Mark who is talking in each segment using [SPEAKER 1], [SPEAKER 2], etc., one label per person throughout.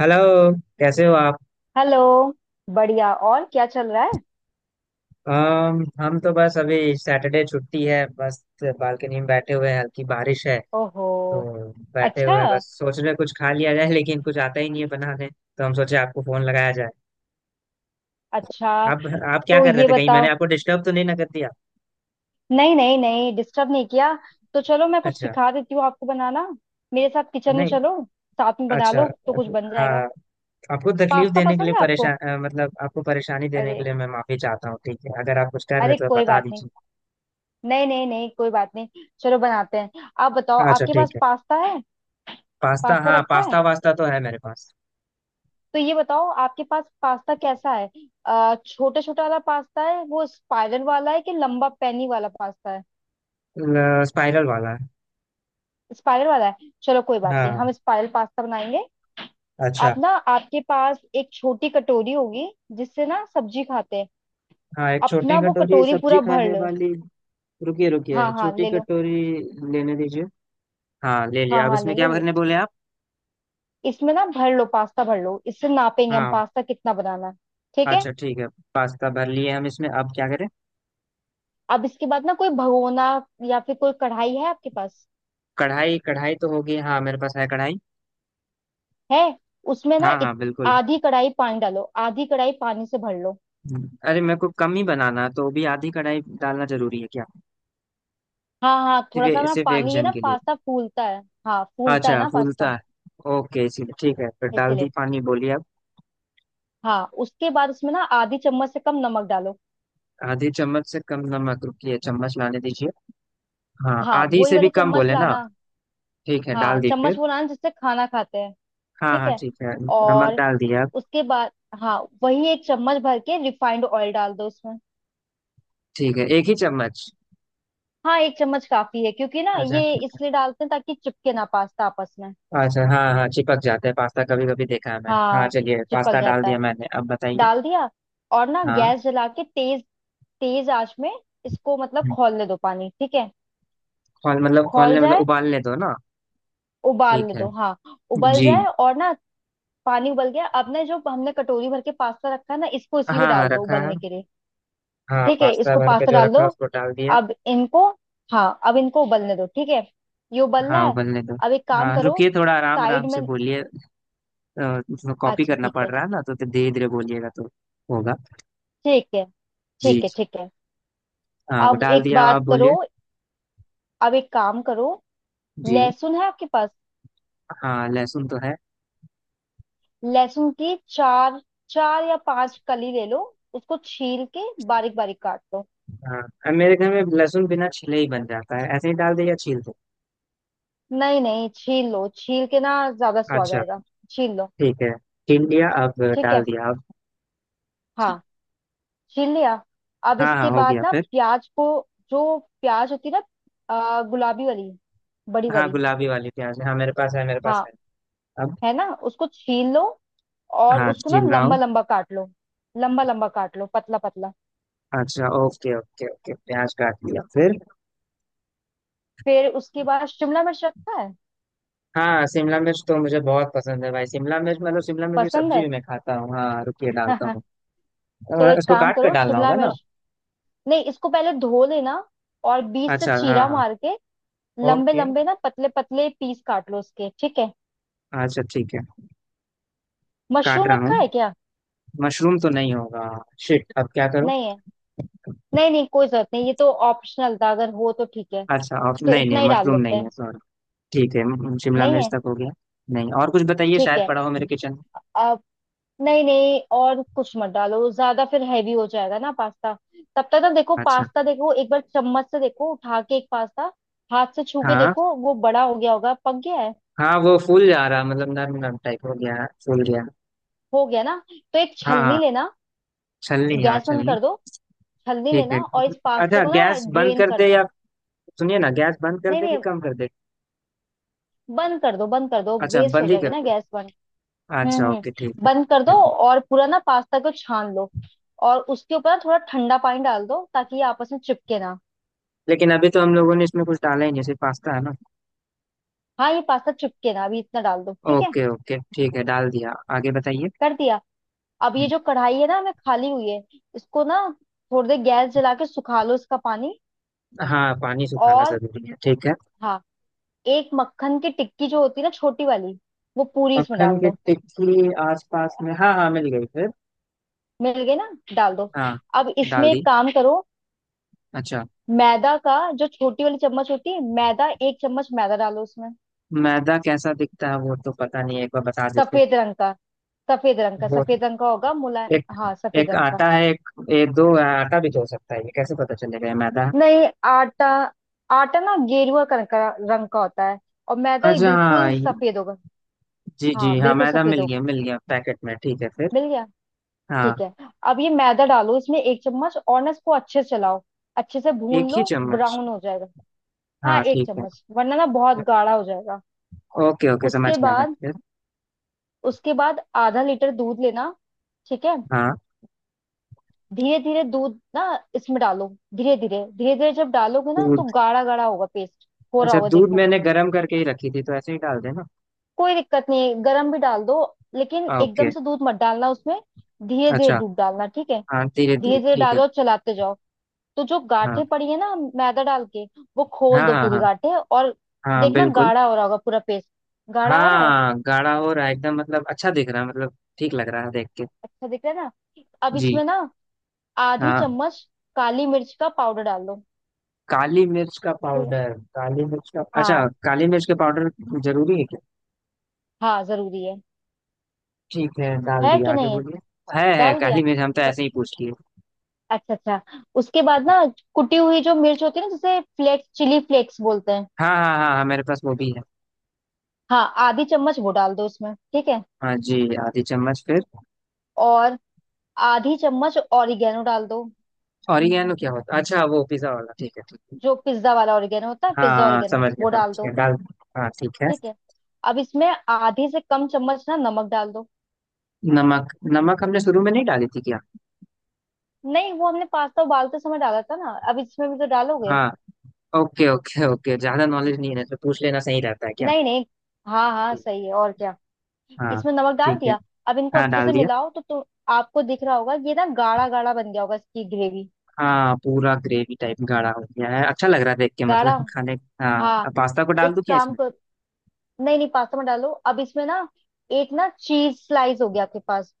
[SPEAKER 1] Hello. कैसे हो आप?
[SPEAKER 2] हेलो। बढ़िया। और क्या चल रहा है।
[SPEAKER 1] हम तो बस अभी सैटरडे छुट्टी है, बस बालकनी में बैठे हुए हैं, हल्की बारिश है।
[SPEAKER 2] ओहो।
[SPEAKER 1] तो बैठे
[SPEAKER 2] अच्छा।
[SPEAKER 1] हुए हैं, बस सोच रहे हैं कुछ खा लिया जाए, लेकिन कुछ आता ही नहीं है बनाने, तो हम सोचे आपको फोन लगाया जाए।
[SPEAKER 2] अच्छा,
[SPEAKER 1] आप आप क्या
[SPEAKER 2] तो
[SPEAKER 1] कर रहे
[SPEAKER 2] ये
[SPEAKER 1] थे, कहीं मैंने
[SPEAKER 2] बताओ।
[SPEAKER 1] आपको डिस्टर्ब तो नहीं ना कर दिया?
[SPEAKER 2] नहीं नहीं नहीं, डिस्टर्ब नहीं किया। तो चलो, मैं कुछ
[SPEAKER 1] अच्छा।
[SPEAKER 2] सिखा देती हूँ आपको बनाना। मेरे साथ किचन में
[SPEAKER 1] नहीं।
[SPEAKER 2] चलो। साथ में बना
[SPEAKER 1] अच्छा।
[SPEAKER 2] लो तो कुछ बन जाएगा।
[SPEAKER 1] हाँ। आपको तकलीफ
[SPEAKER 2] पास्ता
[SPEAKER 1] देने के लिए
[SPEAKER 2] पसंद है आपको।
[SPEAKER 1] परेशान, मतलब आपको परेशानी देने के
[SPEAKER 2] अरे।
[SPEAKER 1] लिए मैं माफी चाहता हूँ। ठीक है, अगर आप कुछ कर रहे
[SPEAKER 2] अरे
[SPEAKER 1] हो तो
[SPEAKER 2] कोई
[SPEAKER 1] बता
[SPEAKER 2] बात नहीं।
[SPEAKER 1] दीजिए।
[SPEAKER 2] नहीं नहीं नहीं कोई बात नहीं। चलो बनाते हैं। आप बताओ,
[SPEAKER 1] अच्छा,
[SPEAKER 2] आपके
[SPEAKER 1] ठीक
[SPEAKER 2] पास
[SPEAKER 1] है।
[SPEAKER 2] पास्ता है।
[SPEAKER 1] पास्ता,
[SPEAKER 2] पास्ता
[SPEAKER 1] हाँ
[SPEAKER 2] रखा है।
[SPEAKER 1] पास्ता वास्ता तो है मेरे पास।
[SPEAKER 2] तो ये बताओ आपके पास पास्ता कैसा है। छोटा छोटा वाला पास्ता है वो स्पाइरल वाला है, कि लंबा पैनी वाला पास्ता है।
[SPEAKER 1] स्पाइरल वाला।
[SPEAKER 2] स्पाइरल वाला है। चलो कोई बात नहीं,
[SPEAKER 1] हाँ।
[SPEAKER 2] हम स्पाइरल पास्ता बनाएंगे।
[SPEAKER 1] अच्छा।
[SPEAKER 2] आप ना, आपके पास एक छोटी कटोरी होगी, जिससे ना सब्जी खाते हैं।
[SPEAKER 1] हाँ, एक छोटी
[SPEAKER 2] अपना वो
[SPEAKER 1] कटोरी
[SPEAKER 2] कटोरी
[SPEAKER 1] सब्जी
[SPEAKER 2] पूरा भर
[SPEAKER 1] खाने
[SPEAKER 2] लो।
[SPEAKER 1] वाली। रुकिए रुकिए,
[SPEAKER 2] हाँ हाँ
[SPEAKER 1] छोटी
[SPEAKER 2] ले लो।
[SPEAKER 1] कटोरी लेने दीजिए। हाँ, ले
[SPEAKER 2] हाँ
[SPEAKER 1] लिया, अब
[SPEAKER 2] हाँ
[SPEAKER 1] इसमें
[SPEAKER 2] ले लो
[SPEAKER 1] क्या
[SPEAKER 2] ले लो।
[SPEAKER 1] भरने बोले आप?
[SPEAKER 2] इसमें ना भर लो, पास्ता भर लो, इससे नापेंगे हम
[SPEAKER 1] हाँ।
[SPEAKER 2] पास्ता कितना बनाना है। ठीक है।
[SPEAKER 1] अच्छा ठीक है। पास्ता भर लिए हम, इसमें अब क्या करें?
[SPEAKER 2] अब इसके बाद ना कोई भगोना या फिर कोई कढ़ाई है आपके पास।
[SPEAKER 1] कढ़ाई, कढ़ाई तो होगी, हाँ मेरे पास है कढ़ाई।
[SPEAKER 2] है। उसमें ना
[SPEAKER 1] हाँ हाँ बिल्कुल।
[SPEAKER 2] आधी कढ़ाई पानी डालो, आधी कढ़ाई पानी से भर लो।
[SPEAKER 1] अरे मेरे को कम ही बनाना है, तो भी आधी कढ़ाई डालना जरूरी है क्या?
[SPEAKER 2] हाँ हाँ, थोड़ा सा
[SPEAKER 1] सिर्फ
[SPEAKER 2] ना
[SPEAKER 1] सिर्फ एक
[SPEAKER 2] पानी, ये
[SPEAKER 1] जन
[SPEAKER 2] ना
[SPEAKER 1] के लिए।
[SPEAKER 2] पास्ता फूलता है। हाँ फूलता है
[SPEAKER 1] अच्छा,
[SPEAKER 2] ना पास्ता।
[SPEAKER 1] फूलता है। ओके, इसीलिए ठीक है फिर। डाल
[SPEAKER 2] इसलिए
[SPEAKER 1] दी पानी, बोलिए आप।
[SPEAKER 2] हाँ। उसके बाद उसमें ना आधी चम्मच से कम नमक डालो।
[SPEAKER 1] आधी चम्मच से कम नमक, रुकिए चम्मच लाने दीजिए। हाँ
[SPEAKER 2] हाँ
[SPEAKER 1] आधी
[SPEAKER 2] वही
[SPEAKER 1] से भी
[SPEAKER 2] वाली
[SPEAKER 1] कम
[SPEAKER 2] चम्मच
[SPEAKER 1] बोले ना।
[SPEAKER 2] लाना।
[SPEAKER 1] ठीक है,
[SPEAKER 2] हाँ
[SPEAKER 1] डाल दी
[SPEAKER 2] चम्मच
[SPEAKER 1] फिर।
[SPEAKER 2] वो लाना जिससे खाना खाते हैं।
[SPEAKER 1] हाँ
[SPEAKER 2] ठीक
[SPEAKER 1] हाँ
[SPEAKER 2] है।
[SPEAKER 1] ठीक है। नमक
[SPEAKER 2] और
[SPEAKER 1] डाल दिया।
[SPEAKER 2] उसके बाद हाँ वही एक चम्मच भर के रिफाइंड ऑयल डाल दो उसमें।
[SPEAKER 1] ठीक है, एक ही चम्मच।
[SPEAKER 2] हाँ एक चम्मच काफी है, क्योंकि ना
[SPEAKER 1] अच्छा
[SPEAKER 2] ये
[SPEAKER 1] ठीक है।
[SPEAKER 2] इसलिए डालते हैं ताकि चिपके ना पास्ता आपस में।
[SPEAKER 1] अच्छा, हाँ हाँ चिपक जाता है पास्ता कभी कभी, देखा है मैंने। हाँ
[SPEAKER 2] हाँ
[SPEAKER 1] चलिए,
[SPEAKER 2] चिपक
[SPEAKER 1] पास्ता डाल
[SPEAKER 2] जाता है।
[SPEAKER 1] दिया मैंने, अब बताइए।
[SPEAKER 2] डाल दिया। और ना
[SPEAKER 1] हाँ।
[SPEAKER 2] गैस जला के तेज, तेज आंच में इसको, मतलब
[SPEAKER 1] हम्म।
[SPEAKER 2] खौलने दो पानी, ठीक है।
[SPEAKER 1] खोल, मतलब
[SPEAKER 2] खौल
[SPEAKER 1] खोलने, मतलब
[SPEAKER 2] जाए,
[SPEAKER 1] उबालने दो ना। ठीक
[SPEAKER 2] उबालने
[SPEAKER 1] है।
[SPEAKER 2] दो हाँ। उबल
[SPEAKER 1] जी।
[SPEAKER 2] जाए और ना, पानी उबल गया। अब ना जो हमने कटोरी भर के पास्ता रखा है ना, इसको इसी में
[SPEAKER 1] हाँ हाँ
[SPEAKER 2] डाल दो
[SPEAKER 1] रखा है।
[SPEAKER 2] उबलने के लिए।
[SPEAKER 1] हाँ,
[SPEAKER 2] ठीक है,
[SPEAKER 1] पास्ता
[SPEAKER 2] इसको
[SPEAKER 1] भर के
[SPEAKER 2] पास्ता
[SPEAKER 1] जो
[SPEAKER 2] डाल
[SPEAKER 1] रखा
[SPEAKER 2] दो।
[SPEAKER 1] है उसको डाल दिया।
[SPEAKER 2] अब इनको, हाँ अब इनको उबलने दो, ठीक है। ये उबल रहा
[SPEAKER 1] हाँ
[SPEAKER 2] है।
[SPEAKER 1] उबलने दो।
[SPEAKER 2] अब एक काम
[SPEAKER 1] हाँ
[SPEAKER 2] करो,
[SPEAKER 1] रुकिए, थोड़ा आराम आराम
[SPEAKER 2] साइड
[SPEAKER 1] से
[SPEAKER 2] में।
[SPEAKER 1] बोलिए। अ, कॉपी
[SPEAKER 2] अच्छा
[SPEAKER 1] करना
[SPEAKER 2] ठीक
[SPEAKER 1] पड़
[SPEAKER 2] है।
[SPEAKER 1] रहा है ना, तो धीरे धीरे बोलिएगा तो होगा।
[SPEAKER 2] ठीक है
[SPEAKER 1] जी
[SPEAKER 2] ठीक है
[SPEAKER 1] जी।
[SPEAKER 2] ठीक है।
[SPEAKER 1] हाँ वो
[SPEAKER 2] अब
[SPEAKER 1] डाल
[SPEAKER 2] एक
[SPEAKER 1] दिया, अब
[SPEAKER 2] बात
[SPEAKER 1] आप
[SPEAKER 2] करो
[SPEAKER 1] बोलिए।
[SPEAKER 2] अब एक काम करो।
[SPEAKER 1] जी।
[SPEAKER 2] लहसुन है आपके पास।
[SPEAKER 1] हाँ लहसुन तो है।
[SPEAKER 2] लहसुन की चार, चार या पांच कली ले लो। उसको छील के बारीक बारीक काट लो।
[SPEAKER 1] हाँ, अब मेरे घर में लहसुन बिना छिले ही बन जाता है, ऐसे ही डाल दे या छील दो?
[SPEAKER 2] नहीं नहीं, छील लो, छील के ना ज्यादा स्वाद
[SPEAKER 1] अच्छा
[SPEAKER 2] आएगा। छील लो।
[SPEAKER 1] ठीक है। छील लिया, अब
[SPEAKER 2] ठीक
[SPEAKER 1] डाल
[SPEAKER 2] है।
[SPEAKER 1] दिया अब। जी।
[SPEAKER 2] हाँ छील लिया। अब
[SPEAKER 1] हाँ हाँ
[SPEAKER 2] इसके
[SPEAKER 1] हो
[SPEAKER 2] बाद
[SPEAKER 1] गया
[SPEAKER 2] ना
[SPEAKER 1] फिर।
[SPEAKER 2] प्याज को, जो प्याज होती है ना गुलाबी वाली, बड़ी
[SPEAKER 1] हाँ
[SPEAKER 2] वाली।
[SPEAKER 1] गुलाबी वाली प्याज है। हाँ मेरे पास है, मेरे पास
[SPEAKER 2] हाँ
[SPEAKER 1] है। अब।
[SPEAKER 2] है ना, उसको छील लो, और
[SPEAKER 1] हाँ
[SPEAKER 2] उसको ना
[SPEAKER 1] छील रहा
[SPEAKER 2] लंबा
[SPEAKER 1] हूँ।
[SPEAKER 2] लंबा काट लो। लंबा लंबा काट लो, पतला पतला।
[SPEAKER 1] अच्छा, ओके ओके ओके, प्याज काट लिया फिर।
[SPEAKER 2] फिर उसके बाद शिमला मिर्च रखता है।
[SPEAKER 1] हाँ, शिमला मिर्च तो मुझे बहुत पसंद है भाई, शिमला मिर्च मतलब शिमला मिर्च की
[SPEAKER 2] पसंद
[SPEAKER 1] सब्जी
[SPEAKER 2] है।
[SPEAKER 1] भी मैं खाता हूँ। हाँ रुकिए, डालता हूँ।
[SPEAKER 2] तो एक
[SPEAKER 1] इसको
[SPEAKER 2] काम
[SPEAKER 1] काट कर
[SPEAKER 2] करो
[SPEAKER 1] डालना
[SPEAKER 2] शिमला
[SPEAKER 1] होगा ना?
[SPEAKER 2] मिर्च, नहीं इसको पहले धो लेना, और बीच से
[SPEAKER 1] अच्छा हाँ
[SPEAKER 2] चीरा
[SPEAKER 1] हाँ।
[SPEAKER 2] मार के लंबे
[SPEAKER 1] ओके।
[SPEAKER 2] लंबे ना पतले पतले पीस काट लो उसके, ठीक है।
[SPEAKER 1] अच्छा ठीक है। काट
[SPEAKER 2] मशरूम
[SPEAKER 1] रहा हूँ।
[SPEAKER 2] रखा है क्या।
[SPEAKER 1] मशरूम तो नहीं होगा। शिट, अब क्या करूँ?
[SPEAKER 2] नहीं है। नहीं नहीं कोई जरूरत नहीं, ये तो ऑप्शनल था, अगर हो तो ठीक है।
[SPEAKER 1] अच्छा ऑफ,
[SPEAKER 2] तो
[SPEAKER 1] नहीं नहीं,
[SPEAKER 2] इतना ही डाल
[SPEAKER 1] मशरूम
[SPEAKER 2] लेते
[SPEAKER 1] नहीं है
[SPEAKER 2] हैं।
[SPEAKER 1] सॉरी। ठीक है, शिमला
[SPEAKER 2] नहीं
[SPEAKER 1] मिर्च
[SPEAKER 2] है।
[SPEAKER 1] तक हो गया। नहीं, और कुछ बताइए
[SPEAKER 2] ठीक
[SPEAKER 1] शायद
[SPEAKER 2] है।
[SPEAKER 1] पड़ा हो मेरे किचन में।
[SPEAKER 2] अब नहीं नहीं और कुछ मत डालो, ज्यादा फिर हैवी हो जाएगा ना पास्ता। तब तक ना देखो
[SPEAKER 1] अच्छा।
[SPEAKER 2] पास्ता, देखो एक बार चम्मच से, देखो उठा के एक पास्ता हाथ से छू के
[SPEAKER 1] हाँ
[SPEAKER 2] देखो, वो बड़ा हो गया होगा, पक गया है।
[SPEAKER 1] हाँ, वो फूल जा रहा, मतलब नरम नरम टाइप हो गया फूल गया।
[SPEAKER 2] हो गया ना, तो एक
[SPEAKER 1] हाँ हाँ
[SPEAKER 2] छलनी लेना।
[SPEAKER 1] छलनी, हाँ
[SPEAKER 2] गैस बंद
[SPEAKER 1] छलनी।
[SPEAKER 2] कर दो। हल्दी
[SPEAKER 1] ठीक है।
[SPEAKER 2] लेना और इस पास्ता
[SPEAKER 1] अच्छा
[SPEAKER 2] को ना
[SPEAKER 1] गैस बंद
[SPEAKER 2] ड्रेन
[SPEAKER 1] कर
[SPEAKER 2] कर
[SPEAKER 1] दे
[SPEAKER 2] दो।
[SPEAKER 1] या, सुनिए ना, गैस बंद कर
[SPEAKER 2] नहीं
[SPEAKER 1] दे
[SPEAKER 2] नहीं,
[SPEAKER 1] कि कम कर दे?
[SPEAKER 2] बंद कर दो, बंद कर दो,
[SPEAKER 1] अच्छा
[SPEAKER 2] वेस्ट हो
[SPEAKER 1] बंद ही
[SPEAKER 2] जाएगी
[SPEAKER 1] कर
[SPEAKER 2] ना
[SPEAKER 1] दे।
[SPEAKER 2] गैस, बंद।
[SPEAKER 1] अच्छा ओके
[SPEAKER 2] हम्म,
[SPEAKER 1] ठीक है।
[SPEAKER 2] बंद कर दो।
[SPEAKER 1] ठीक है।
[SPEAKER 2] और पूरा ना पास्ता को छान लो, और उसके ऊपर ना थोड़ा ठंडा पानी डाल दो, ताकि ये आपस में चिपके ना।
[SPEAKER 1] लेकिन अभी तो हम लोगों ने इसमें कुछ डाला ही नहीं, सिर्फ पास्ता है ना।
[SPEAKER 2] हाँ ये पास्ता चिपके ना, अभी इतना डाल दो, ठीक है।
[SPEAKER 1] ओके ओके ठीक है, डाल दिया, आगे बताइए।
[SPEAKER 2] कर दिया। अब ये जो कढ़ाई है ना हमें खाली हुई है, इसको ना थोड़ी देर गैस जला के सुखा लो इसका पानी।
[SPEAKER 1] हाँ पानी सुखाना
[SPEAKER 2] और
[SPEAKER 1] जरूरी है, ठीक है।
[SPEAKER 2] हाँ, एक मक्खन की टिक्की जो होती है ना, छोटी वाली, वो पूरी इसमें
[SPEAKER 1] मक्खन
[SPEAKER 2] डाल
[SPEAKER 1] की
[SPEAKER 2] दो।
[SPEAKER 1] टिक्की आसपास में, हाँ हाँ मिल गई फिर।
[SPEAKER 2] मिल गए ना, डाल दो।
[SPEAKER 1] हाँ।
[SPEAKER 2] अब
[SPEAKER 1] डाल
[SPEAKER 2] इसमें
[SPEAKER 1] दी।
[SPEAKER 2] एक काम करो,
[SPEAKER 1] अच्छा।
[SPEAKER 2] मैदा का, जो छोटी वाली चम्मच होती है, मैदा एक चम्मच मैदा डालो उसमें।
[SPEAKER 1] मैदा कैसा दिखता है वो तो पता नहीं है, एक बार बता देते।
[SPEAKER 2] सफेद रंग का, सफेद रंग का,
[SPEAKER 1] वो
[SPEAKER 2] सफेद रंग का होगा मुला।
[SPEAKER 1] एक,
[SPEAKER 2] हाँ सफेद
[SPEAKER 1] एक
[SPEAKER 2] रंग का।
[SPEAKER 1] आटा है, एक ये, दो, आटा भी तो हो सकता है, ये कैसे पता चलेगा ये मैदा है?
[SPEAKER 2] नहीं आटा, आटा ना गेरुआ रंग का होता है, और मैदा ये
[SPEAKER 1] अच्छा हाँ
[SPEAKER 2] बिल्कुल सफेद होगा।
[SPEAKER 1] जी जी,
[SPEAKER 2] हाँ
[SPEAKER 1] हाँ
[SPEAKER 2] बिल्कुल
[SPEAKER 1] मैदा
[SPEAKER 2] सफेद
[SPEAKER 1] मिल
[SPEAKER 2] होगा।
[SPEAKER 1] गया, मिल गया पैकेट में, ठीक है फिर।
[SPEAKER 2] मिल गया।
[SPEAKER 1] हाँ।
[SPEAKER 2] ठीक है, अब ये मैदा डालो इसमें एक चम्मच, और ना इसको अच्छे से चलाओ, अच्छे से भून
[SPEAKER 1] एक ही
[SPEAKER 2] लो,
[SPEAKER 1] चम्मच।
[SPEAKER 2] ब्राउन हो जाएगा। हाँ
[SPEAKER 1] हाँ
[SPEAKER 2] एक
[SPEAKER 1] ठीक है।
[SPEAKER 2] चम्मच, वरना ना बहुत गाढ़ा हो जाएगा।
[SPEAKER 1] ओके ओके समझ
[SPEAKER 2] उसके
[SPEAKER 1] गया मैं
[SPEAKER 2] बाद,
[SPEAKER 1] फिर।
[SPEAKER 2] उसके बाद आधा लीटर दूध लेना, ठीक है।
[SPEAKER 1] हाँ।
[SPEAKER 2] धीरे धीरे दूध ना इसमें डालो, धीरे धीरे धीरे धीरे जब डालोगे ना, तो
[SPEAKER 1] दूध।
[SPEAKER 2] गाढ़ा गाढ़ा होगा पेस्ट, हो रहा
[SPEAKER 1] अच्छा,
[SPEAKER 2] होगा
[SPEAKER 1] दूध
[SPEAKER 2] देखो।
[SPEAKER 1] मैंने गर्म करके ही रखी थी, तो ऐसे ही डाल देना।
[SPEAKER 2] कोई दिक्कत नहीं है, गर्म भी डाल दो, लेकिन
[SPEAKER 1] ओके।
[SPEAKER 2] एकदम से दूध मत डालना उसमें। धीरे धीरे
[SPEAKER 1] अच्छा।
[SPEAKER 2] दूध डालना, ठीक है।
[SPEAKER 1] हाँ धीरे
[SPEAKER 2] धीरे
[SPEAKER 1] धीरे
[SPEAKER 2] धीरे
[SPEAKER 1] ठीक है।
[SPEAKER 2] डालो और चलाते जाओ, तो जो
[SPEAKER 1] हाँ
[SPEAKER 2] गांठें पड़ी है ना मैदा डाल के, वो
[SPEAKER 1] हाँ
[SPEAKER 2] खोल दो
[SPEAKER 1] हाँ
[SPEAKER 2] पूरी
[SPEAKER 1] हाँ।
[SPEAKER 2] गांठें। और
[SPEAKER 1] हाँ
[SPEAKER 2] देखना
[SPEAKER 1] बिल्कुल।
[SPEAKER 2] गाढ़ा हो रहा होगा पूरा पेस्ट। गाढ़ा हो रहा है।
[SPEAKER 1] हाँ गाढ़ा हो रहा है एकदम, मतलब अच्छा दिख रहा है, मतलब ठीक लग रहा है देख के।
[SPEAKER 2] अच्छा दिख रहा है ना। अब
[SPEAKER 1] जी।
[SPEAKER 2] इसमें ना आधी
[SPEAKER 1] हाँ,
[SPEAKER 2] चम्मच काली मिर्च का पाउडर डाल दो।
[SPEAKER 1] काली मिर्च का पाउडर, काली मिर्च का, अच्छा
[SPEAKER 2] हाँ
[SPEAKER 1] काली मिर्च का पाउडर। जरूरी है क्या?
[SPEAKER 2] हाँ जरूरी है।
[SPEAKER 1] ठीक है डाल
[SPEAKER 2] है
[SPEAKER 1] दिया,
[SPEAKER 2] कि
[SPEAKER 1] आगे
[SPEAKER 2] नहीं है।
[SPEAKER 1] बोलिए। है
[SPEAKER 2] डाल दिया।
[SPEAKER 1] काली मिर्च, हम तो
[SPEAKER 2] क-
[SPEAKER 1] ऐसे ही पूछ लिए।
[SPEAKER 2] अच्छा अच्छा। उसके बाद ना, कुटी हुई जो मिर्च होती है ना, जिसे फ्लेक्स, चिली फ्लेक्स बोलते हैं।
[SPEAKER 1] हाँ हाँ हाँ हाँ, मेरे पास वो भी है।
[SPEAKER 2] हाँ आधी चम्मच वो डाल दो उसमें, ठीक है।
[SPEAKER 1] हाँ जी। आधी चम्मच फिर।
[SPEAKER 2] और आधी चम्मच ऑरिगेनो डाल दो।
[SPEAKER 1] ऑरिगेनो क्या होता है? अच्छा वो पिज्जा वाला, ठीक है ठीक है।
[SPEAKER 2] जो पिज्जा वाला ऑरिगेनो होता है,
[SPEAKER 1] हाँ।
[SPEAKER 2] पिज्जा
[SPEAKER 1] हाँ,
[SPEAKER 2] ऑरिगेनो वो डाल
[SPEAKER 1] समझ गया
[SPEAKER 2] दो।
[SPEAKER 1] डाल। हाँ ठीक है।
[SPEAKER 2] ठीक है। अब इसमें आधी से कम चम्मच ना नमक डाल दो।
[SPEAKER 1] नमक, नमक हमने शुरू में नहीं डाली थी क्या?
[SPEAKER 2] नहीं वो हमने पास्ता उबालते समय डाला था ना, अब इसमें भी तो डालोगे।
[SPEAKER 1] हाँ। ओके ओके ओके, ज्यादा नॉलेज नहीं है तो पूछ लेना सही रहता है क्या?
[SPEAKER 2] नहीं नहीं, हाँ हाँ
[SPEAKER 1] जी।
[SPEAKER 2] सही है, और क्या।
[SPEAKER 1] हाँ
[SPEAKER 2] इसमें नमक डाल
[SPEAKER 1] ठीक है।
[SPEAKER 2] दिया। अब इनको
[SPEAKER 1] हाँ
[SPEAKER 2] अच्छे से
[SPEAKER 1] डाल दिया।
[SPEAKER 2] मिलाओ, तो आपको दिख रहा होगा ये ना गाढ़ा गाढ़ा बन गया होगा इसकी ग्रेवी।
[SPEAKER 1] हाँ, पूरा ग्रेवी टाइप गाढ़ा हो गया है, अच्छा लग रहा है देख के
[SPEAKER 2] गाढ़ा।
[SPEAKER 1] मतलब खाने। हाँ,
[SPEAKER 2] हाँ
[SPEAKER 1] अब पास्ता को डाल
[SPEAKER 2] एक
[SPEAKER 1] दूं क्या
[SPEAKER 2] काम
[SPEAKER 1] इसमें?
[SPEAKER 2] कर, नहीं नहीं, पास्ता में डालो। अब इसमें ना एक ना चीज स्लाइस होगी आपके पास।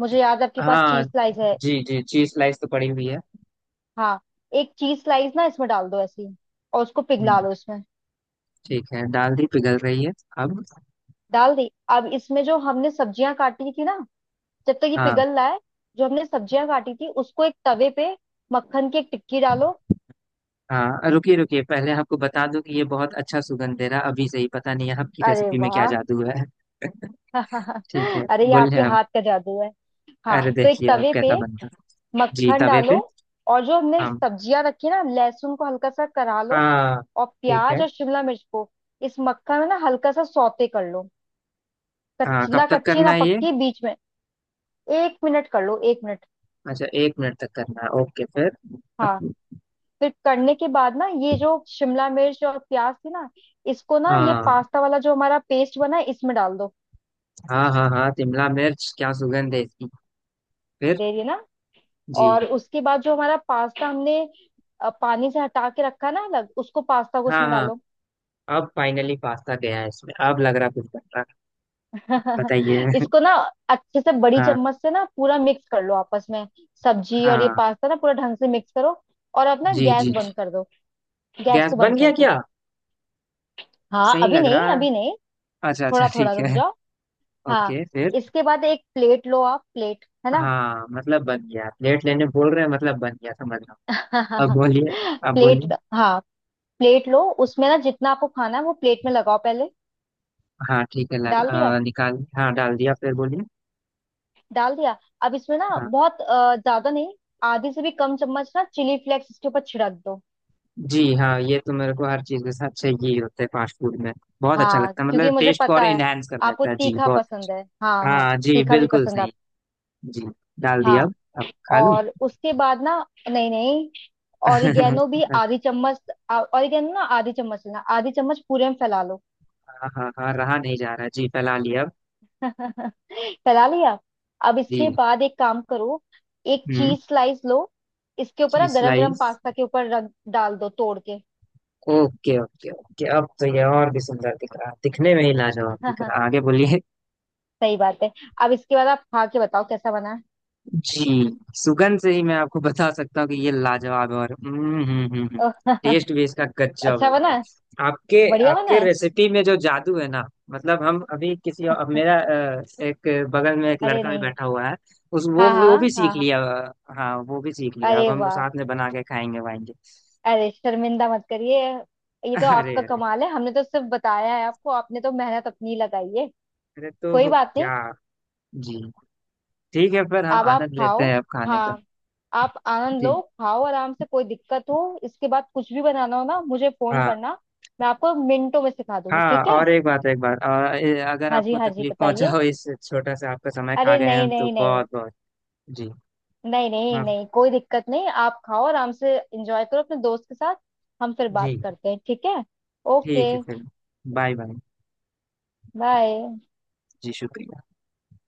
[SPEAKER 2] मुझे याद है आपके पास
[SPEAKER 1] हाँ।
[SPEAKER 2] चीज स्लाइस है।
[SPEAKER 1] जी जी, चीज स्लाइस तो पड़ी हुई है।
[SPEAKER 2] हाँ एक चीज स्लाइस ना इसमें डाल दो ऐसी, और उसको
[SPEAKER 1] हम्म,
[SPEAKER 2] पिघला लो इसमें।
[SPEAKER 1] ठीक है डाल दी, पिघल रही है। अब।
[SPEAKER 2] डाल दी। अब इसमें जो हमने सब्जियां काटी थी ना, जब तक ये
[SPEAKER 1] हाँ
[SPEAKER 2] पिघल रहा है, जो हमने सब्जियां काटी थी उसको एक तवे पे, मक्खन की एक टिक्की डालो।
[SPEAKER 1] हाँ रुकिए रुकिए, पहले आपको बता दूं कि ये बहुत अच्छा सुगंध दे रहा अभी से ही, पता नहीं आपकी
[SPEAKER 2] अरे
[SPEAKER 1] रेसिपी में क्या
[SPEAKER 2] वाह।
[SPEAKER 1] जादू है ठीक है,
[SPEAKER 2] अरे ये
[SPEAKER 1] बोलिए
[SPEAKER 2] आपके
[SPEAKER 1] आप।
[SPEAKER 2] हाथ का जादू है। हाँ
[SPEAKER 1] अरे
[SPEAKER 2] तो एक
[SPEAKER 1] देखिए अब
[SPEAKER 2] तवे पे
[SPEAKER 1] कैसा बनता। जी
[SPEAKER 2] मक्खन
[SPEAKER 1] तवे
[SPEAKER 2] डालो,
[SPEAKER 1] पे।
[SPEAKER 2] और जो हमने
[SPEAKER 1] हम।
[SPEAKER 2] सब्जियां रखी ना, लहसुन को हल्का सा करा लो,
[SPEAKER 1] हाँ।
[SPEAKER 2] और
[SPEAKER 1] ठीक है।
[SPEAKER 2] प्याज और शिमला मिर्च को इस मक्खन में ना हल्का सा सौते कर लो।
[SPEAKER 1] हाँ,
[SPEAKER 2] कच्ची
[SPEAKER 1] कब
[SPEAKER 2] ना,
[SPEAKER 1] तक
[SPEAKER 2] कच्ची
[SPEAKER 1] करना
[SPEAKER 2] ना
[SPEAKER 1] है ये?
[SPEAKER 2] पक्की, बीच में। एक मिनट कर लो, एक मिनट।
[SPEAKER 1] अच्छा एक मिनट तक करना है, ओके फिर।
[SPEAKER 2] हाँ
[SPEAKER 1] अब-
[SPEAKER 2] फिर करने के बाद ना, ये जो शिमला मिर्च और प्याज थी ना, इसको ना, ये
[SPEAKER 1] हाँ
[SPEAKER 2] पास्ता वाला जो हमारा पेस्ट बना है, इसमें डाल दो।
[SPEAKER 1] हाँ हाँ हाँ, शिमला मिर्च, क्या सुगंध है इसकी। फिर।
[SPEAKER 2] दे रही है ना।
[SPEAKER 1] जी।
[SPEAKER 2] और उसके बाद जो हमारा पास्ता हमने पानी से हटा के रखा ना अलग, उसको, पास्ता को
[SPEAKER 1] हाँ
[SPEAKER 2] उसमें
[SPEAKER 1] हाँ।
[SPEAKER 2] डालो।
[SPEAKER 1] अब फाइनली पास्ता गया है इसमें, अब लग रहा कुछ बन रहा है। बताइए।
[SPEAKER 2] इसको ना अच्छे से बड़ी
[SPEAKER 1] हाँ
[SPEAKER 2] चम्मच से ना पूरा मिक्स कर लो आपस में। सब्जी और ये
[SPEAKER 1] हाँ।
[SPEAKER 2] पास्ता ना पूरा ढंग से मिक्स करो। और अब ना
[SPEAKER 1] जी
[SPEAKER 2] गैस
[SPEAKER 1] जी जी।
[SPEAKER 2] बंद कर दो। गैस
[SPEAKER 1] गैस
[SPEAKER 2] को
[SPEAKER 1] बन
[SPEAKER 2] बंद कर
[SPEAKER 1] गया
[SPEAKER 2] दो।
[SPEAKER 1] क्या?
[SPEAKER 2] हाँ
[SPEAKER 1] सही
[SPEAKER 2] अभी
[SPEAKER 1] लग
[SPEAKER 2] नहीं,
[SPEAKER 1] रहा है।
[SPEAKER 2] अभी नहीं,
[SPEAKER 1] अच्छा अच्छा
[SPEAKER 2] थोड़ा थोड़ा
[SPEAKER 1] ठीक
[SPEAKER 2] रुक
[SPEAKER 1] है।
[SPEAKER 2] जाओ। हाँ
[SPEAKER 1] ओके फिर।
[SPEAKER 2] इसके बाद एक प्लेट लो। आप प्लेट है ना।
[SPEAKER 1] हाँ, मतलब बन गया, प्लेट लेने बोल रहे हैं, मतलब बन गया समझ रहा हूँ। अब बोलिए, अब
[SPEAKER 2] प्लेट,
[SPEAKER 1] बोलिए।
[SPEAKER 2] हाँ प्लेट लो, उसमें ना जितना आपको खाना है वो प्लेट में लगाओ पहले।
[SPEAKER 1] हाँ ठीक है लग,
[SPEAKER 2] डाल दिया।
[SPEAKER 1] निकाल, हाँ डाल दिया, फिर बोलिए।
[SPEAKER 2] डाल दिया। अब इसमें ना
[SPEAKER 1] हाँ।
[SPEAKER 2] बहुत ज्यादा नहीं, आधी से भी कम चम्मच ना चिली फ्लेक्स इसके ऊपर छिड़क दो।
[SPEAKER 1] जी, हाँ ये तो मेरे को हर चीज के साथ चाहिए ही होता है फास्ट फूड में। बहुत अच्छा
[SPEAKER 2] हाँ
[SPEAKER 1] लगता है,
[SPEAKER 2] क्योंकि
[SPEAKER 1] मतलब
[SPEAKER 2] मुझे
[SPEAKER 1] टेस्ट को और
[SPEAKER 2] पता है
[SPEAKER 1] इनहेंस कर
[SPEAKER 2] आपको
[SPEAKER 1] देता है जी,
[SPEAKER 2] तीखा
[SPEAKER 1] बहुत
[SPEAKER 2] पसंद है, हाँ
[SPEAKER 1] अच्छा।
[SPEAKER 2] हाँ।
[SPEAKER 1] हाँ जी
[SPEAKER 2] तीखा भी
[SPEAKER 1] बिल्कुल
[SPEAKER 2] पसंद है
[SPEAKER 1] सही।
[SPEAKER 2] आपको।
[SPEAKER 1] जी। डाल दिया
[SPEAKER 2] हाँ।
[SPEAKER 1] अब। अब खा लूँ?
[SPEAKER 2] और उसके बाद ना, नहीं नहीं, ऑरिगेनो भी
[SPEAKER 1] हाँ।
[SPEAKER 2] आधी चम्मच। ऑरिगेनो ना आधी चम्मच लेना, आधी चम्मच पूरे में फैला लो।
[SPEAKER 1] हाँ हाँ, रहा नहीं जा रहा जी, फैला लिया अब।
[SPEAKER 2] फैला लिया। अब
[SPEAKER 1] जी।
[SPEAKER 2] इसके बाद एक काम करो, एक
[SPEAKER 1] हम्म।
[SPEAKER 2] चीज स्लाइस लो, इसके ऊपर ना
[SPEAKER 1] चीज
[SPEAKER 2] गरम गरम
[SPEAKER 1] स्लाइस।
[SPEAKER 2] पास्ता के ऊपर रख, डाल दो तोड़ के।
[SPEAKER 1] ओके ओके ओके, अब तो ये और भी सुंदर दिख रहा है, दिखने में ही लाजवाब दिख रहा है, आगे बोलिए।
[SPEAKER 2] सही बात है। अब इसके बाद आप खा के बताओ कैसा बना है।
[SPEAKER 1] जी, सुगंध से ही मैं आपको बता सकता हूँ कि ये लाजवाब है। और हम्म।
[SPEAKER 2] ओह,
[SPEAKER 1] टेस्ट भी इसका गजब है
[SPEAKER 2] अच्छा बना
[SPEAKER 1] भाई।
[SPEAKER 2] है,
[SPEAKER 1] आपके,
[SPEAKER 2] बढ़िया बना
[SPEAKER 1] आपके
[SPEAKER 2] है।
[SPEAKER 1] रेसिपी में जो जादू है ना, मतलब हम अभी किसी, अब मेरा एक, बगल में एक
[SPEAKER 2] अरे
[SPEAKER 1] लड़का भी
[SPEAKER 2] नहीं,
[SPEAKER 1] बैठा हुआ है। उस
[SPEAKER 2] हाँ
[SPEAKER 1] वो
[SPEAKER 2] हाँ
[SPEAKER 1] भी
[SPEAKER 2] हाँ
[SPEAKER 1] सीख
[SPEAKER 2] हाँ।
[SPEAKER 1] लिया, हाँ वो भी सीख लिया, अब
[SPEAKER 2] अरे
[SPEAKER 1] हम लोग
[SPEAKER 2] वाह,
[SPEAKER 1] साथ में बना के खाएंगे वाएंगे।
[SPEAKER 2] अरे शर्मिंदा मत करिए, ये तो
[SPEAKER 1] अरे
[SPEAKER 2] आपका
[SPEAKER 1] अरे,
[SPEAKER 2] कमाल है, हमने तो सिर्फ बताया है, आपको आपने तो मेहनत अपनी लगाई है।
[SPEAKER 1] अरे
[SPEAKER 2] कोई
[SPEAKER 1] तो
[SPEAKER 2] बात नहीं।
[SPEAKER 1] क्या। जी। ठीक है फिर, हम
[SPEAKER 2] अब आप
[SPEAKER 1] आनंद लेते
[SPEAKER 2] खाओ।
[SPEAKER 1] हैं अब खाने का।
[SPEAKER 2] हाँ आप आनंद लो,
[SPEAKER 1] जी।
[SPEAKER 2] खाओ आराम से, कोई दिक्कत हो इसके बाद कुछ भी बनाना हो ना, मुझे फोन
[SPEAKER 1] हाँ
[SPEAKER 2] करना, मैं आपको मिनटों में सिखा दूंगी,
[SPEAKER 1] हाँ,
[SPEAKER 2] ठीक है।
[SPEAKER 1] और एक बात, एक बात और अगर
[SPEAKER 2] हाँ जी,
[SPEAKER 1] आपको
[SPEAKER 2] हाँ जी
[SPEAKER 1] तकलीफ
[SPEAKER 2] बताइए।
[SPEAKER 1] पहुंचाओ, इस छोटा सा आपका समय खा
[SPEAKER 2] अरे
[SPEAKER 1] गए
[SPEAKER 2] नहीं
[SPEAKER 1] हम, तो
[SPEAKER 2] नहीं नहीं,
[SPEAKER 1] बहुत बहुत। जी।
[SPEAKER 2] नहीं नहीं
[SPEAKER 1] माफ।
[SPEAKER 2] नहीं कोई दिक्कत नहीं, आप खाओ आराम से, एंजॉय करो अपने दोस्त के साथ। हम फिर
[SPEAKER 1] जी।
[SPEAKER 2] बात करते हैं, ठीक है। ओके।
[SPEAKER 1] ठीक है फिर। Bye bye.
[SPEAKER 2] बाय।
[SPEAKER 1] जी शुक्रिया।